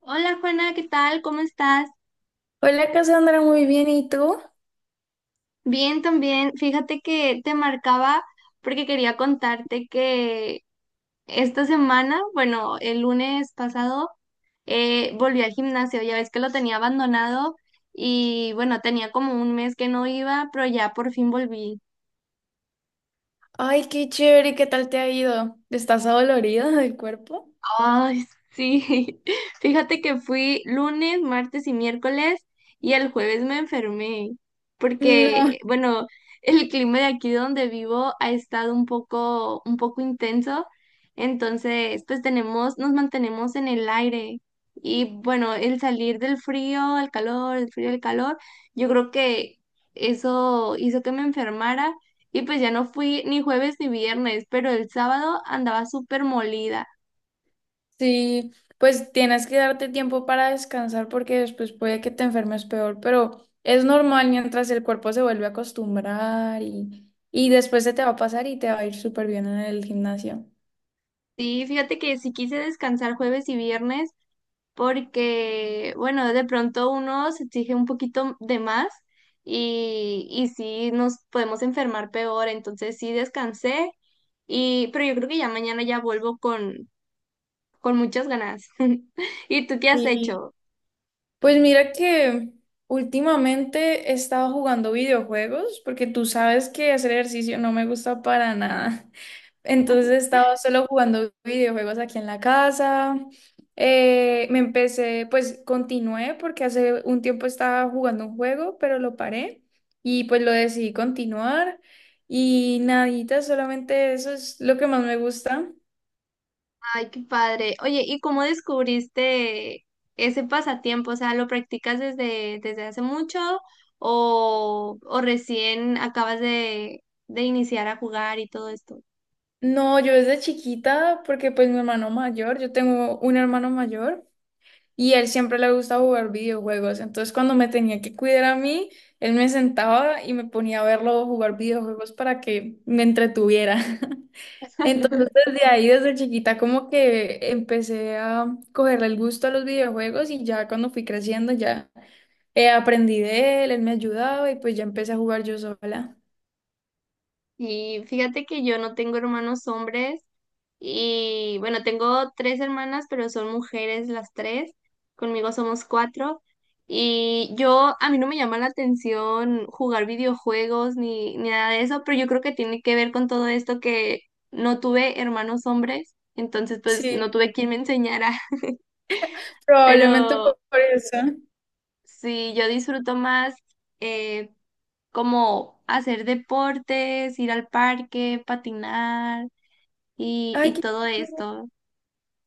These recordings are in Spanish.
Hola Juana, ¿qué tal? ¿Cómo estás? Hola Cassandra, muy bien, ¿y tú? Bien también. Fíjate que te marcaba porque quería contarte que esta semana, bueno, el lunes pasado, volví al gimnasio. Ya ves que lo tenía abandonado y bueno, tenía como un mes que no iba, pero ya por fin volví. Ay, qué chévere, ¿qué tal te ha ido? ¿Estás adolorida del cuerpo? Ay, sí. Fíjate que fui lunes, martes y miércoles y el jueves me enfermé No, porque, bueno, el clima de aquí donde vivo ha estado un poco intenso. Entonces, pues tenemos, nos mantenemos en el aire. Y bueno, el salir del frío al calor, el frío al calor, yo creo que eso hizo que me enfermara. Y pues ya no fui ni jueves ni viernes, pero el sábado andaba súper molida. sí, pues tienes que darte tiempo para descansar porque después puede que te enfermes peor, pero es normal mientras el cuerpo se vuelve a acostumbrar y después se te va a pasar y te va a ir súper bien en el gimnasio. Sí, fíjate que sí quise descansar jueves y viernes porque, bueno, de pronto uno se exige un poquito de más y sí nos podemos enfermar peor, entonces sí descansé y, pero yo creo que ya mañana ya vuelvo con muchas ganas. ¿Y tú qué has Sí. hecho? Pues mira que últimamente he estado jugando videojuegos porque tú sabes que hacer ejercicio no me gusta para nada. Entonces he estado solo jugando videojuegos aquí en la casa. Pues continué porque hace un tiempo estaba jugando un juego, pero lo paré y pues lo decidí continuar. Y nadita, solamente eso es lo que más me gusta. Ay, qué padre. Oye, ¿y cómo descubriste ese pasatiempo? O sea, ¿lo practicas desde hace mucho o recién acabas de iniciar a jugar y todo esto? No, yo desde chiquita, porque pues mi hermano mayor, yo tengo un hermano mayor. Y a él siempre le gusta jugar videojuegos. Entonces, cuando me tenía que cuidar a mí, él me sentaba y me ponía a verlo jugar videojuegos para que me entretuviera. Entonces, desde ahí, desde chiquita, como que empecé a cogerle el gusto a los videojuegos y ya cuando fui creciendo, ya aprendí de él, él me ayudaba y pues ya empecé a jugar yo sola. Y fíjate que yo no tengo hermanos hombres. Y bueno, tengo tres hermanas, pero son mujeres las tres. Conmigo somos cuatro. Y yo, a mí no me llama la atención jugar videojuegos ni, ni nada de eso, pero yo creo que tiene que ver con todo esto que no tuve hermanos hombres, entonces pues Sí, no tuve quien me enseñara. probablemente fue Pero por eso. sí, yo disfruto más eh, como hacer deportes, ir al parque, patinar Ay, y qué todo chévere. esto.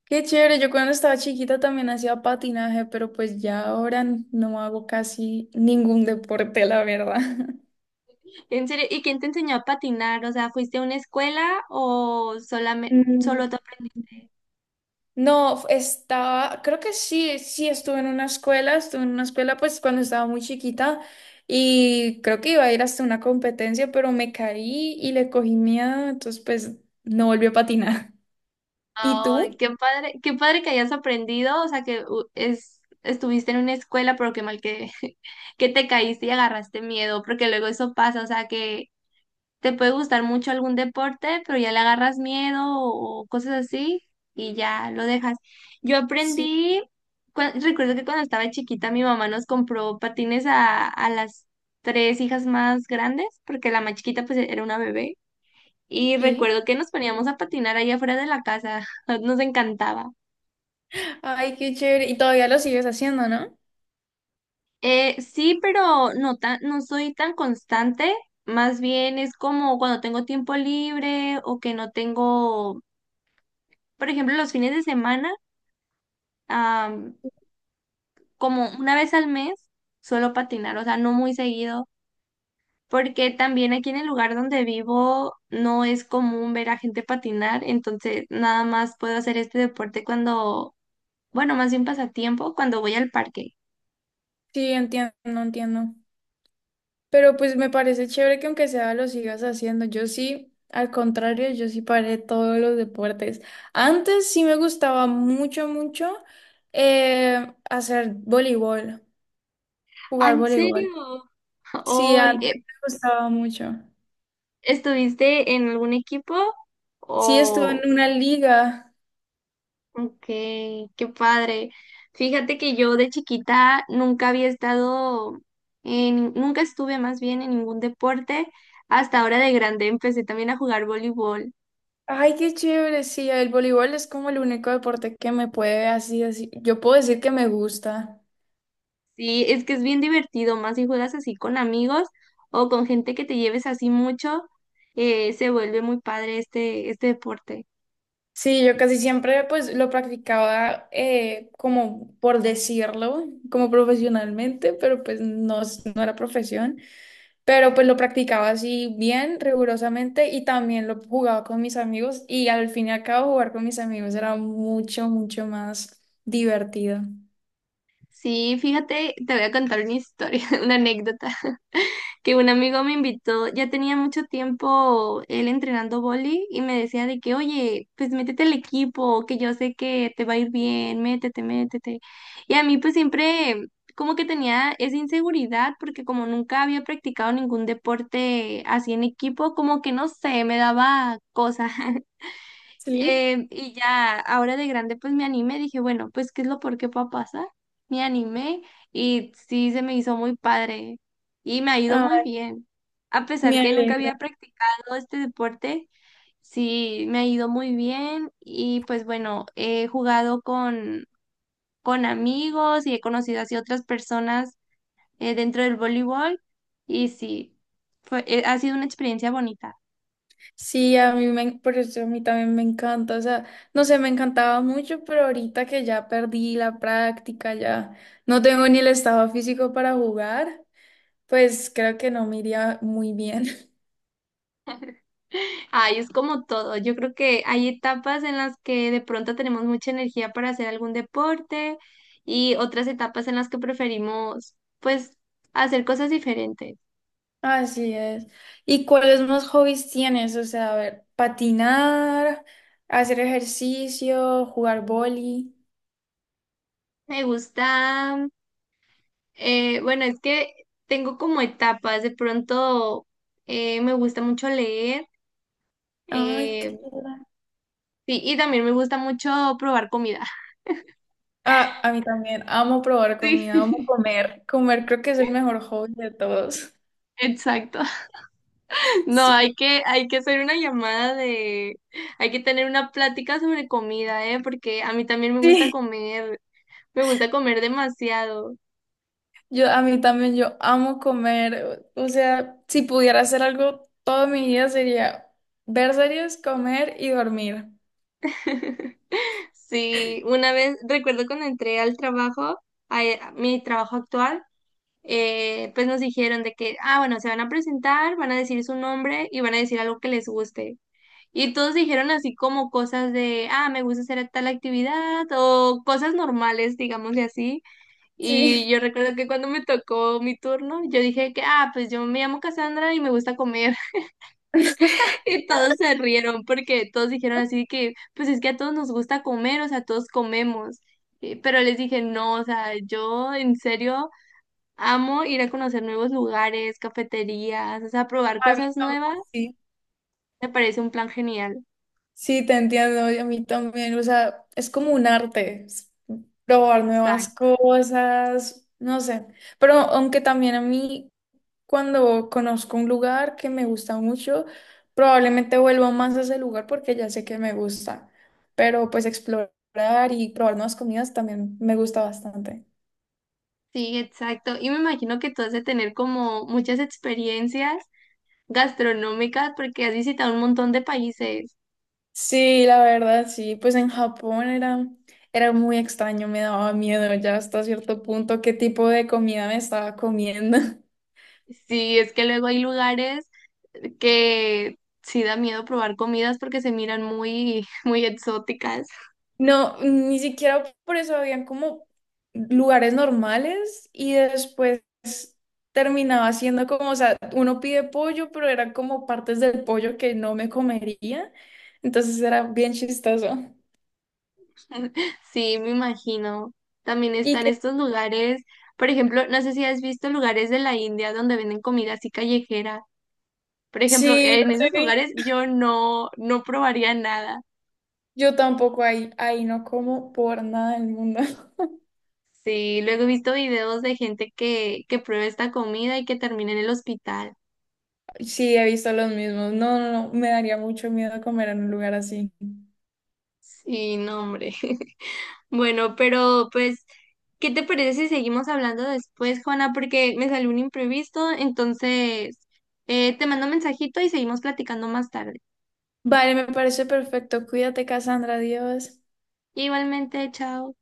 Qué chévere, yo cuando estaba chiquita también hacía patinaje, pero pues ya ahora no hago casi ningún deporte, la verdad. En serio, ¿y quién te enseñó a patinar? O sea, ¿fuiste a una escuela o solamente solo Mm, te No, estaba, creo que sí, sí estuve en una escuela, estuve en una escuela pues cuando estaba muy chiquita y creo que iba a ir hasta una competencia, pero me caí y le cogí miedo, entonces pues no volví a patinar. ¿Y Ay, tú? Qué padre que hayas aprendido, o sea, que u- es estuviste en una escuela, pero qué mal que que te caíste y agarraste miedo, porque luego eso pasa, o sea, que te puede gustar mucho algún deporte, pero ya le agarras miedo o cosas así y ya lo dejas. Yo Sí, aprendí, recuerdo que cuando estaba chiquita mi mamá nos compró patines a las tres hijas más grandes, porque la más chiquita pues era una bebé. Y sí. recuerdo que nos poníamos a patinar ahí afuera de la casa, nos encantaba. Ay, qué chévere. Y todavía lo sigues haciendo, ¿no? Sí, pero no tan, no soy tan constante, más bien es como cuando tengo tiempo libre o que no tengo, por ejemplo, los fines de semana, am, como una vez al mes suelo patinar, o sea, no muy seguido, porque también aquí en el lugar donde vivo no es común ver a gente patinar, entonces nada más puedo hacer este deporte cuando, bueno, más bien pasatiempo, cuando voy al parque. Sí, entiendo, entiendo. Pero pues me parece chévere que aunque sea lo sigas haciendo. Yo sí, al contrario, yo sí paré todos los deportes. Antes sí me gustaba mucho, mucho hacer voleibol, Ah, jugar ¿en serio? voleibol. Sí, Hoy, antes me gustaba mucho. ¿estuviste en algún equipo Sí, estuve o...? en una liga. Ok, qué padre. Fíjate que yo de chiquita nunca había estado en, nunca estuve más bien en ningún deporte. Hasta ahora de grande empecé también a jugar voleibol. Ay, qué chévere. Sí, el voleibol es como el único deporte que me puede así, así. Yo puedo decir que me gusta. Sí, es que es bien divertido, más si juegas así con amigos o con gente que te lleves así mucho, se vuelve muy padre este, este deporte. Sí, yo casi siempre pues lo practicaba como por decirlo, como profesionalmente, pero pues no, no era profesión, pero pues lo practicaba así bien, rigurosamente y también lo jugaba con mis amigos y al fin y al cabo jugar con mis amigos era mucho, mucho más divertido. Sí, fíjate, te voy a contar una historia, una anécdota, que un amigo me invitó, ya tenía mucho tiempo él entrenando vóley y me decía de que, oye, pues métete al equipo, que yo sé que te va a ir bien, métete, métete. Y a mí pues siempre como que tenía esa inseguridad porque como nunca había practicado ningún deporte así en equipo, como que no sé, me daba cosa. Sí. Y ya, ahora de grande, pues me animé, dije, bueno, pues, ¿qué es lo peor que pueda pasar? Me animé y sí, se me hizo muy padre y me ha ido muy Ay, bien. A pesar me que nunca alegro. había practicado este deporte, sí, me ha ido muy bien y pues bueno, he jugado con amigos y he conocido así otras personas, dentro del voleibol y sí, fue, ha sido una experiencia bonita. Sí, a mí me, por eso a mí también me encanta, o sea, no sé, me encantaba mucho, pero ahorita que ya perdí la práctica, ya no tengo ni el estado físico para jugar, pues creo que no me iría muy bien. Ay, es como todo. Yo creo que hay etapas en las que de pronto tenemos mucha energía para hacer algún deporte y otras etapas en las que preferimos, pues, hacer cosas diferentes. Así es. ¿Y cuáles más hobbies tienes? O sea, a ver, patinar, hacer ejercicio, jugar boli. Me gusta, bueno, es que tengo como etapas. De pronto me gusta mucho leer, Ay, qué eh, chévere. sí, y también me gusta mucho probar comida. Ah, a mí también, amo probar comida, amo Sí, comer. Comer creo que es el mejor hobby de todos. exacto. No, Sí. Hay que hacer una llamada de, hay que tener una plática sobre comida, ¿eh? Porque a mí también Sí. Me gusta comer demasiado. Yo, a mí también, yo amo comer. O sea, si pudiera hacer algo toda mi vida sería ver series, comer y dormir. Sí, una vez, recuerdo cuando entré al trabajo, a, e, a mi trabajo actual, pues nos dijeron de que, ah, bueno, se van a presentar, van a decir su nombre y van a decir algo que les guste. Y todos dijeron así como cosas de, ah, me gusta hacer tal actividad o cosas normales, digámosle así. Y Sí, yo recuerdo que cuando me tocó mi turno, yo dije que, ah, pues yo me llamo Cassandra y me gusta comer. Y todos se rieron porque todos dijeron así que, pues es que a todos nos gusta comer, o sea, todos comemos. Pero les dije, no, o sea, yo en serio amo ir a conocer nuevos lugares, cafeterías, o sea, probar a mí cosas también, nuevas. sí. Me parece un plan genial. Sí, te entiendo, y a mí también. O sea, es como un arte, es probar nuevas Exacto. cosas, no sé. Pero aunque también a mí cuando conozco un lugar que me gusta mucho, probablemente vuelvo más a ese lugar porque ya sé que me gusta. Pero pues explorar y probar nuevas comidas también me gusta bastante. Sí, exacto. Y me imagino que tú has de tener como muchas experiencias gastronómicas porque has visitado un montón de países. Sí, la verdad, sí. Pues en Japón era, era muy extraño, me daba miedo ya hasta cierto punto qué tipo de comida me estaba comiendo. Sí, es que luego hay lugares que sí da miedo probar comidas porque se miran muy, muy exóticas. No, ni siquiera por eso habían como lugares normales y después terminaba siendo como, o sea, uno pide pollo, pero eran como partes del pollo que no me comería. Entonces era bien chistoso. Sí, me imagino. También Y están que estos lugares, por ejemplo, no sé si has visto lugares de la India donde venden comida así callejera. Por ejemplo, sí, lo en esos sé, lugares yo no, no probaría nada. yo tampoco ahí, ahí no como por nada del mundo. Sí, luego he visto videos de gente que prueba esta comida y que termina en el hospital. Sí, he visto los mismos. No, no, no, me daría mucho miedo comer en un lugar así. Sí, no, hombre. Bueno, pero pues, ¿qué te parece si seguimos hablando después, Juana? Porque me salió un imprevisto, entonces te mando un mensajito y seguimos platicando más tarde. Vale, me parece perfecto. Cuídate, Cassandra, adiós. Igualmente, chao.